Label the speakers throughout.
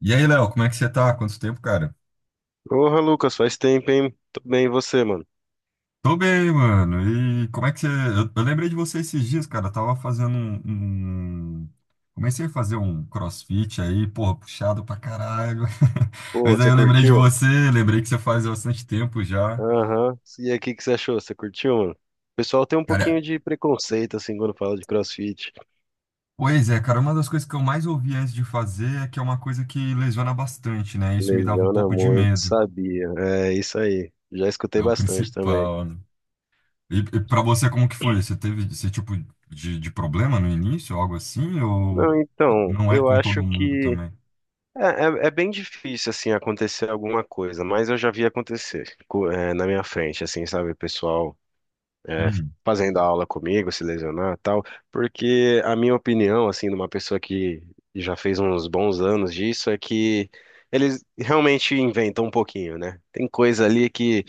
Speaker 1: E aí, Léo, como é que você tá? Quanto tempo, cara?
Speaker 2: Porra, Lucas, faz tempo, hein? Tô bem, e você, mano?
Speaker 1: Tô bem, mano. E como é que você. Eu lembrei de você esses dias, cara. Eu tava fazendo um- Comecei a fazer um CrossFit aí, porra, puxado pra caralho.
Speaker 2: Pô,
Speaker 1: Mas aí
Speaker 2: você
Speaker 1: eu lembrei de
Speaker 2: curtiu?
Speaker 1: você, lembrei que você faz bastante tempo já.
Speaker 2: Aham. E aí, o que que você achou? Você curtiu, mano? O pessoal tem um
Speaker 1: Cara,
Speaker 2: pouquinho de preconceito, assim, quando fala de CrossFit.
Speaker 1: pois é, cara, uma das coisas que eu mais ouvi antes de fazer é que é uma coisa que lesiona bastante, né? Isso me dava um
Speaker 2: Lesiona
Speaker 1: pouco de
Speaker 2: muito,
Speaker 1: medo.
Speaker 2: sabia. É, isso aí. Já escutei
Speaker 1: É o
Speaker 2: bastante também.
Speaker 1: principal, né? E para você, como que foi? Você teve esse tipo de, problema no início, algo assim? Ou
Speaker 2: Não, então,
Speaker 1: não é
Speaker 2: eu
Speaker 1: com todo
Speaker 2: acho
Speaker 1: mundo
Speaker 2: que
Speaker 1: também?
Speaker 2: é, é bem difícil, assim, acontecer alguma coisa, mas eu já vi acontecer, é, na minha frente, assim, sabe? O pessoal é,
Speaker 1: Hum,
Speaker 2: fazendo aula comigo, se lesionar e tal, porque a minha opinião, assim, de uma pessoa que já fez uns bons anos disso, é que eles realmente inventam um pouquinho, né? Tem coisa ali que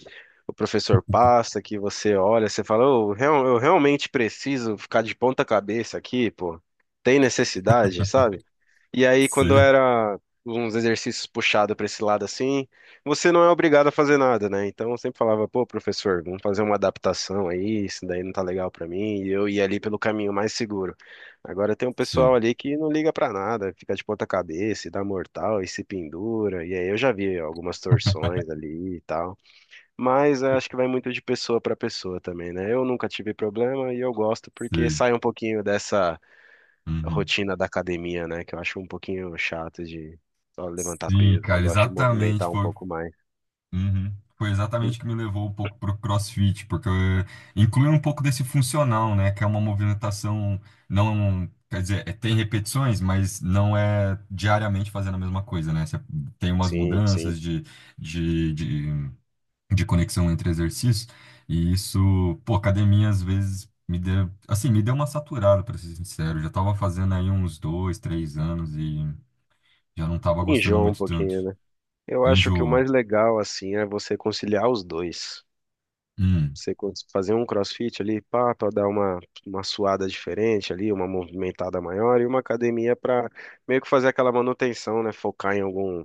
Speaker 2: o professor passa, que você olha, você fala, "Ô, eu realmente preciso ficar de ponta cabeça aqui, pô. Tem necessidade, sabe? E aí, quando
Speaker 1: sei,
Speaker 2: era uns exercícios puxados para esse lado assim, você não é obrigado a fazer nada, né? Então eu sempre falava, pô, professor, vamos fazer uma adaptação aí, isso daí não tá legal para mim, e eu ia ali pelo caminho mais seguro. Agora tem um pessoal
Speaker 1: sei,
Speaker 2: ali que não liga para nada, fica de ponta cabeça, e dá mortal e se pendura, e aí eu já vi algumas torções ali e tal. Mas eu acho que vai muito de pessoa para pessoa também, né? Eu nunca tive problema e eu gosto porque
Speaker 1: sei.
Speaker 2: sai um pouquinho dessa
Speaker 1: Uhum.
Speaker 2: rotina da academia, né? Que eu acho um pouquinho chato de só levantar
Speaker 1: Sim,
Speaker 2: peso. Eu
Speaker 1: cara,
Speaker 2: gosto de
Speaker 1: exatamente.
Speaker 2: movimentar um
Speaker 1: Foi,
Speaker 2: pouco mais.
Speaker 1: uhum. Foi
Speaker 2: E-
Speaker 1: exatamente o que me levou um pouco pro CrossFit, porque inclui um pouco desse funcional, né? Que é uma movimentação, não, quer dizer, tem repetições, mas não é diariamente fazendo a mesma coisa, né? Você tem umas
Speaker 2: sim, sim.
Speaker 1: mudanças de, de de conexão entre exercícios, e isso, pô, academia às vezes me deu, assim, me deu uma saturada, para ser sincero. Eu já tava fazendo aí uns 2, 3 anos e já não tava gostando
Speaker 2: Enjoa um
Speaker 1: muito tanto.
Speaker 2: pouquinho, né? Eu acho que o
Speaker 1: Enjoa.
Speaker 2: mais legal, assim, é você conciliar os dois.
Speaker 1: Hum,
Speaker 2: Fazer um crossfit ali, pá, pra dar uma suada diferente ali, uma movimentada maior, e uma academia pra meio que fazer aquela manutenção, né? Focar em algum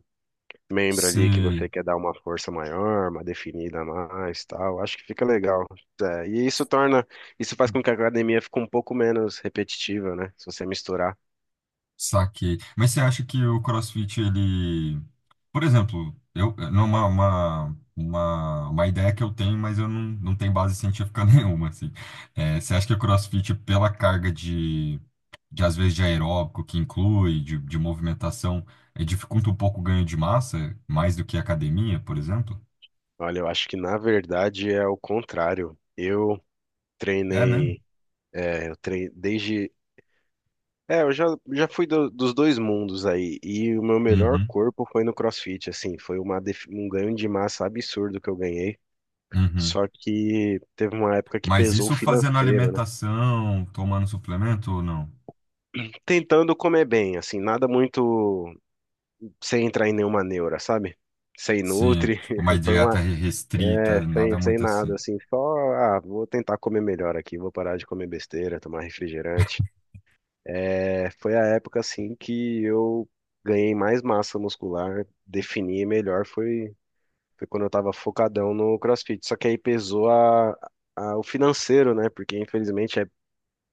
Speaker 2: membro ali que
Speaker 1: sei,
Speaker 2: você quer dar uma força maior, uma definida a mais, tal. Acho que fica legal. É, e isso torna, isso faz com que a academia fique um pouco menos repetitiva, né? Se você misturar.
Speaker 1: saquei. Mas você acha que o CrossFit, ele, por exemplo, eu, uma ideia que eu tenho, mas eu não tenho base científica nenhuma, assim. É, você acha que o CrossFit, pela carga de às vezes de aeróbico que inclui, de movimentação, dificulta um pouco o ganho de massa, mais do que a academia, por exemplo?
Speaker 2: Olha, eu acho que na verdade é o contrário.
Speaker 1: É mesmo?
Speaker 2: Treinei, eu treinei desde É, eu já, já fui dos dois mundos aí, e o meu melhor
Speaker 1: Uhum,
Speaker 2: corpo foi no CrossFit, assim, foi uma, um ganho de massa absurdo que eu ganhei,
Speaker 1: uhum.
Speaker 2: só que teve uma época que
Speaker 1: Mas
Speaker 2: pesou o
Speaker 1: isso fazendo
Speaker 2: financeiro, né?
Speaker 1: alimentação, tomando suplemento ou não?
Speaker 2: Tentando comer bem, assim, nada muito, sem entrar em nenhuma neura, sabe? Sem
Speaker 1: Sim,
Speaker 2: nutri,
Speaker 1: tipo, uma
Speaker 2: foi
Speaker 1: dieta
Speaker 2: uma,
Speaker 1: re- restrita,
Speaker 2: sem,
Speaker 1: nada
Speaker 2: sem
Speaker 1: muito
Speaker 2: nada,
Speaker 1: assim.
Speaker 2: assim, só, ah, vou tentar comer melhor aqui, vou parar de comer besteira, tomar refrigerante. É, foi a época, assim, que eu ganhei mais massa muscular, defini melhor, foi, foi quando eu tava focadão no CrossFit, só que aí pesou o financeiro, né, porque infelizmente é,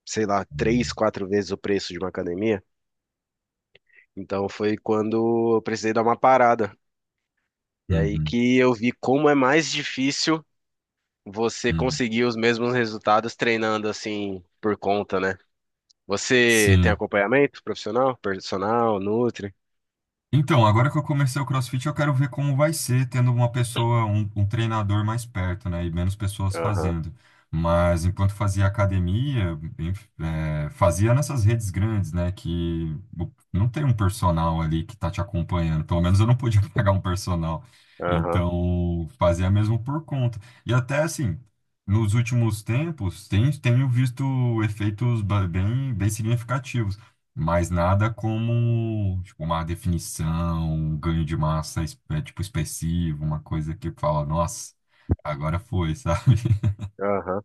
Speaker 2: sei lá, três,
Speaker 1: Uhum,
Speaker 2: quatro vezes o preço de uma academia. Então foi quando eu precisei dar uma parada. E aí que eu vi como é mais difícil você
Speaker 1: uhum.
Speaker 2: conseguir os mesmos resultados treinando assim por conta, né? Você tem
Speaker 1: Sim.
Speaker 2: acompanhamento profissional, personal, nutri?
Speaker 1: Então, agora que eu comecei o CrossFit, eu quero ver como vai ser tendo uma pessoa, um treinador mais perto, né? E menos pessoas
Speaker 2: Aham,
Speaker 1: fazendo. Mas enquanto fazia academia, fazia nessas redes grandes, né? Que o- não tem um personal ali que tá te acompanhando. Pelo menos eu não podia pagar um personal.
Speaker 2: aham,
Speaker 1: Então, fazia mesmo por conta. E até assim, nos últimos tempos, tenho visto efeitos bem significativos. Mas nada como, tipo, uma definição, um ganho de massa, tipo, expressivo, uma coisa que fala, nossa, agora foi, sabe?
Speaker 2: aham.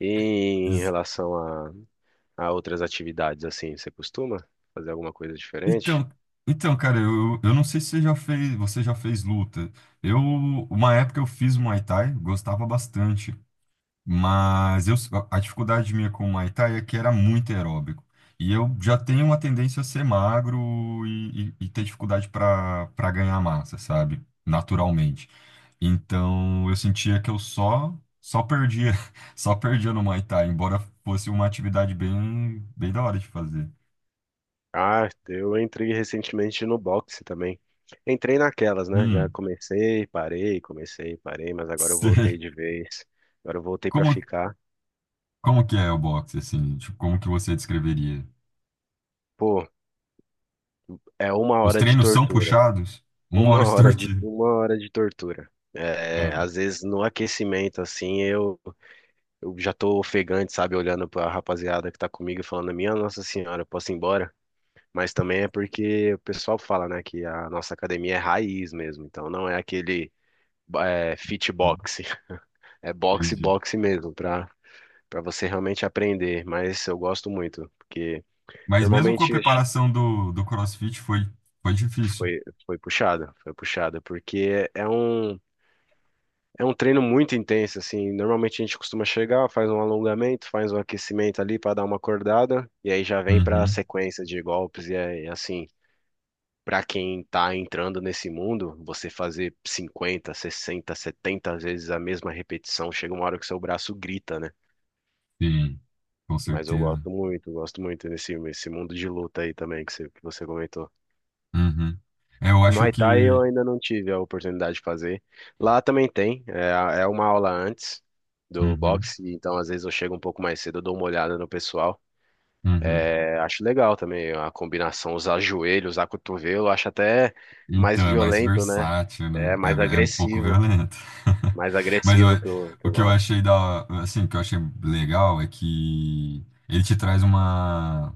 Speaker 2: E em
Speaker 1: Ex-
Speaker 2: relação a, a outras atividades, assim, você costuma fazer alguma coisa diferente?
Speaker 1: Então, então, cara, eu não sei se você já fez luta. Eu, uma época eu fiz Muay Thai, gostava bastante. Mas a dificuldade minha com o Muay Thai é que era muito aeróbico. E eu já tenho uma tendência a ser magro e ter dificuldade para ganhar massa, sabe? Naturalmente. Então eu sentia que eu só perdia, só perdia no Muay Thai, embora fosse uma atividade bem bem da hora de fazer.
Speaker 2: Ah, eu entrei recentemente no boxe também. Entrei naquelas, né? Já
Speaker 1: Hum,
Speaker 2: comecei, parei, mas agora eu voltei
Speaker 1: sei.
Speaker 2: de vez. Agora eu voltei pra
Speaker 1: Como
Speaker 2: ficar.
Speaker 1: como que é o boxe assim? Tipo, como que você descreveria?
Speaker 2: Pô, é uma
Speaker 1: Os
Speaker 2: hora de
Speaker 1: treinos são
Speaker 2: tortura.
Speaker 1: puxados? Uma hora estorte.
Speaker 2: Uma hora de tortura. É,
Speaker 1: Ah,
Speaker 2: às vezes no aquecimento, assim, eu já tô ofegante, sabe? Olhando pra rapaziada que tá comigo e falando, minha Nossa Senhora, eu posso ir embora? Mas também é porque o pessoal fala, né, que a nossa academia é raiz mesmo. Então não é aquele é, fit box. É boxe,
Speaker 1: entendi.
Speaker 2: boxe mesmo, pra, pra você realmente aprender. Mas eu gosto muito, porque
Speaker 1: Mas mesmo com a
Speaker 2: normalmente
Speaker 1: preparação do CrossFit foi difícil.
Speaker 2: foi, foi puxada, porque é um treino muito intenso, assim. Normalmente a gente costuma chegar, faz um alongamento, faz um aquecimento ali pra dar uma acordada, e aí já vem pra
Speaker 1: Uhum,
Speaker 2: sequência de golpes, e é, é assim. Pra quem tá entrando nesse mundo, você fazer 50, 60, 70 vezes a mesma repetição, chega uma hora que seu braço grita, né?
Speaker 1: sim, com
Speaker 2: Mas eu
Speaker 1: certeza.
Speaker 2: gosto muito desse esse mundo de luta aí também que você comentou.
Speaker 1: Uhum. É, eu acho
Speaker 2: Muay
Speaker 1: que.
Speaker 2: Thai eu ainda não tive a oportunidade de fazer. Lá também tem, é, é uma aula antes do
Speaker 1: Uhum,
Speaker 2: boxe, então às vezes eu chego um pouco mais cedo, eu dou uma olhada no pessoal.
Speaker 1: uhum.
Speaker 2: É, acho legal também a combinação, usar joelho, usar cotovelo, acho até mais
Speaker 1: Então, é mais
Speaker 2: violento, né?
Speaker 1: versátil, né?
Speaker 2: É
Speaker 1: É, é um pouco violento.
Speaker 2: mais
Speaker 1: Mas eu-
Speaker 2: agressivo que que
Speaker 1: o
Speaker 2: o
Speaker 1: que eu
Speaker 2: boxe.
Speaker 1: achei da, assim, o que eu achei legal é que ele te traz uma,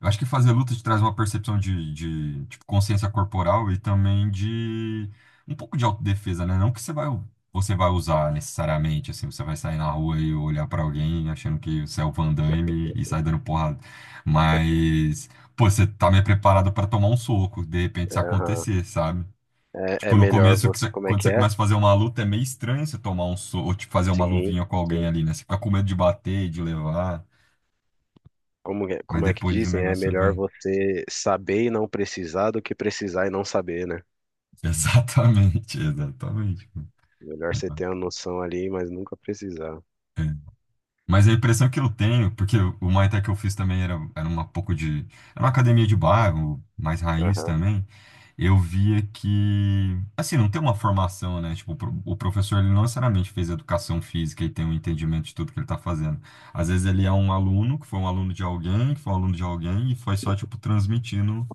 Speaker 1: eu acho que fazer luta te traz uma percepção de, tipo, consciência corporal e também de um pouco de autodefesa, né? Não que você vai usar necessariamente, assim, você vai sair na rua e olhar pra alguém achando que você é o Van Damme e sair dando porrada. Mas, pô, você tá meio preparado pra tomar um soco, de repente
Speaker 2: É,
Speaker 1: se
Speaker 2: aham.
Speaker 1: acontecer, sabe?
Speaker 2: É
Speaker 1: Tipo, no
Speaker 2: melhor
Speaker 1: começo, que
Speaker 2: você,
Speaker 1: você-
Speaker 2: como é
Speaker 1: quando
Speaker 2: que
Speaker 1: você
Speaker 2: é?
Speaker 1: começa a fazer uma luta, é meio estranho você tomar um soco, ou tipo, fazer uma
Speaker 2: Sim,
Speaker 1: luvinha com alguém
Speaker 2: sim.
Speaker 1: ali, né? Você fica com medo de bater, de levar,
Speaker 2: Como,
Speaker 1: mas
Speaker 2: como é que
Speaker 1: depois o
Speaker 2: dizem? É
Speaker 1: negócio
Speaker 2: melhor
Speaker 1: vai.
Speaker 2: você saber e não precisar do que precisar e não saber, né?
Speaker 1: Exatamente, exatamente.
Speaker 2: Melhor você ter uma noção ali, mas nunca precisar.
Speaker 1: É. Mas a impressão que eu tenho, porque o Muay Thai que eu fiz também era uma pouco de. Era uma academia de bairro, mais raiz
Speaker 2: Aham.
Speaker 1: também. Eu via que. Assim, não tem uma formação, né? Tipo, o pro- o professor ele não necessariamente fez educação física e tem um entendimento de tudo que ele tá fazendo. Às vezes ele é um aluno, que foi um aluno de alguém, que foi um aluno de alguém, e foi só, tipo, transmitindo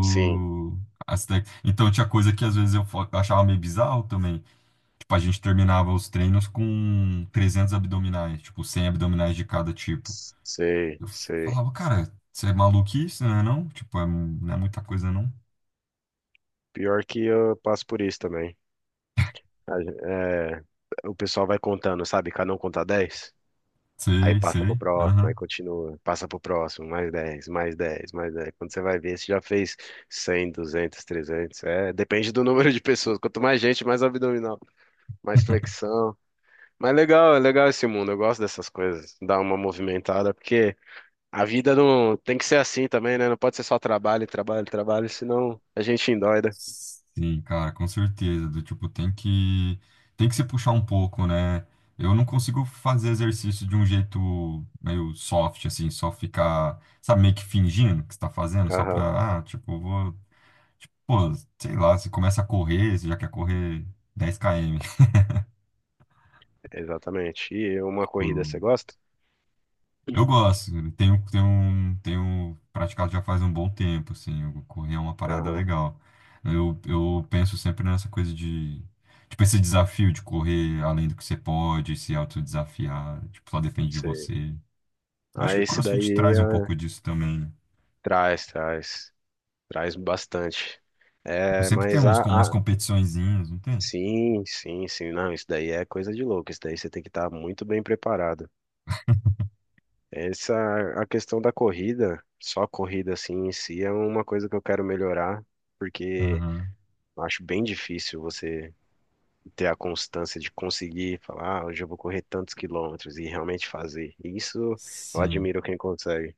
Speaker 2: Sim,
Speaker 1: as tec- Então tinha coisa que às vezes eu fo- achava meio bizarro também. Tipo, a gente terminava os treinos com 300 abdominais, tipo, 100 abdominais de cada tipo.
Speaker 2: sei,
Speaker 1: Eu
Speaker 2: sei.
Speaker 1: falava, cara, você é maluquice, né, não? Tipo, é, não é muita coisa, não.
Speaker 2: Pior que eu passo por isso também. É, o pessoal vai contando, sabe? Cada um conta dez, aí
Speaker 1: Sei,
Speaker 2: passa pro
Speaker 1: sei,
Speaker 2: próximo, aí
Speaker 1: aham.
Speaker 2: continua, passa pro próximo, mais dez, mais dez, mais 10. Quando você vai ver, você já fez 100, 200, 300 É, depende do número de pessoas. Quanto mais gente, mais abdominal, mais flexão. Mas legal, é legal esse mundo. Eu gosto dessas coisas, dar uma movimentada, porque a vida não tem que ser assim também, né? Não pode ser só trabalho, trabalho, trabalho, senão a gente endoida.
Speaker 1: Sim, cara, com certeza. Do tipo, tem que se puxar um pouco, né? Eu não consigo fazer exercício de um jeito meio soft, assim, só ficar, sabe, meio que fingindo que está fazendo, só
Speaker 2: Aham,
Speaker 1: pra, ah, tipo, vou. Pô, sei lá, você começa a correr, você já quer correr 10 km.
Speaker 2: exatamente. E uma
Speaker 1: Tipo,
Speaker 2: corrida você gosta?
Speaker 1: eu gosto, eu tenho praticado já faz um bom tempo, assim, eu- correr é uma parada
Speaker 2: Aham,
Speaker 1: legal. Eu penso sempre nessa coisa de, tipo, esse desafio de correr além do que você pode, se autodesafiar, tipo, só depende de
Speaker 2: sei.
Speaker 1: você. Acho
Speaker 2: Ah,
Speaker 1: que o
Speaker 2: esse
Speaker 1: CrossFit
Speaker 2: daí
Speaker 1: traz um
Speaker 2: ah,
Speaker 1: pouco disso também, né?
Speaker 2: traz, traz, traz bastante.
Speaker 1: Tipo,
Speaker 2: É,
Speaker 1: sempre tem
Speaker 2: mas
Speaker 1: uns,
Speaker 2: a,
Speaker 1: com umas
Speaker 2: a-
Speaker 1: competiçõezinhas, não tem?
Speaker 2: sim, sim, sim, não, isso daí é coisa de louco. Isso daí você tem que estar muito bem preparado. Essa, a questão da corrida, só a corrida assim em si, é uma coisa que eu quero melhorar, porque
Speaker 1: Aham,
Speaker 2: eu acho bem difícil você ter a constância de conseguir falar, ah, hoje eu vou correr tantos quilômetros e realmente fazer. E isso eu
Speaker 1: sim.
Speaker 2: admiro quem consegue.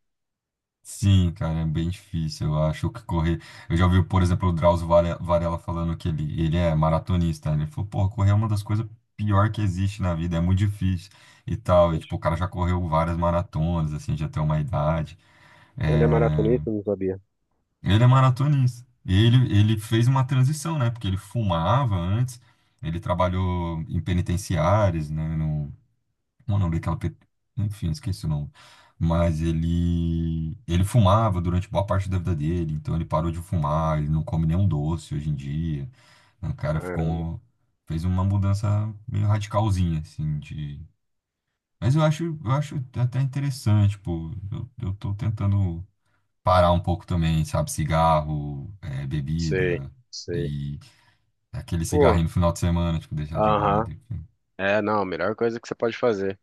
Speaker 1: Sim, cara, é bem difícil. Eu acho que correr. Eu já ouvi, por exemplo, o Drauzio Varela falando que ele é maratonista. Né? Ele falou, pô, correr é uma das coisas pior que existe na vida, é muito difícil e tal. E,
Speaker 2: Gente,
Speaker 1: tipo, o cara já correu várias maratonas, assim, já tem uma idade.
Speaker 2: ele é
Speaker 1: É,
Speaker 2: maratonista, eu não sabia.
Speaker 1: ele é maratonista. E ele fez uma transição, né? Porque ele fumava antes, ele trabalhou em penitenciárias, né? O nome daquela, pe- enfim, esqueci o nome. Mas ele fumava durante boa parte da vida dele, então ele parou de fumar, ele não come nenhum doce hoje em dia. Né? O cara
Speaker 2: Caramba,
Speaker 1: ficou, fez uma mudança meio radicalzinha, assim, de... Mas eu acho até interessante, tipo, eu tô tentando parar um pouco também, sabe, cigarro,
Speaker 2: sei,
Speaker 1: bebida
Speaker 2: sei.
Speaker 1: e aquele
Speaker 2: Pô,
Speaker 1: cigarrinho no final de semana, tipo, deixar de
Speaker 2: aham.
Speaker 1: lado, enfim.
Speaker 2: É, não, a melhor coisa que você pode fazer.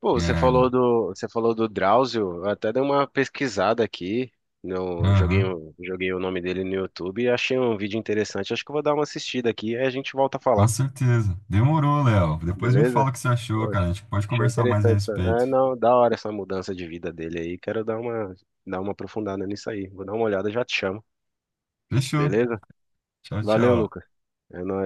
Speaker 2: Pô,
Speaker 1: É, não.
Speaker 2: você falou do Drauzio, eu até dei uma pesquisada aqui, no, joguei,
Speaker 1: Aham.
Speaker 2: um- joguei o nome dele no YouTube e achei um vídeo interessante. Acho que eu vou dar uma assistida aqui e a gente volta a
Speaker 1: Com
Speaker 2: falar,
Speaker 1: certeza. Demorou, Léo. Depois me
Speaker 2: beleza?
Speaker 1: fala o que você achou,
Speaker 2: Poxa,
Speaker 1: cara. A gente pode
Speaker 2: achei
Speaker 1: conversar mais a
Speaker 2: interessante.
Speaker 1: respeito.
Speaker 2: É, não, da hora essa mudança de vida dele aí. Dar uma aprofundada nisso aí. Vou dar uma olhada, já te chamo,
Speaker 1: Fechou.
Speaker 2: beleza?
Speaker 1: Tchau,
Speaker 2: Valeu,
Speaker 1: tchau.
Speaker 2: Lucas. É nóis.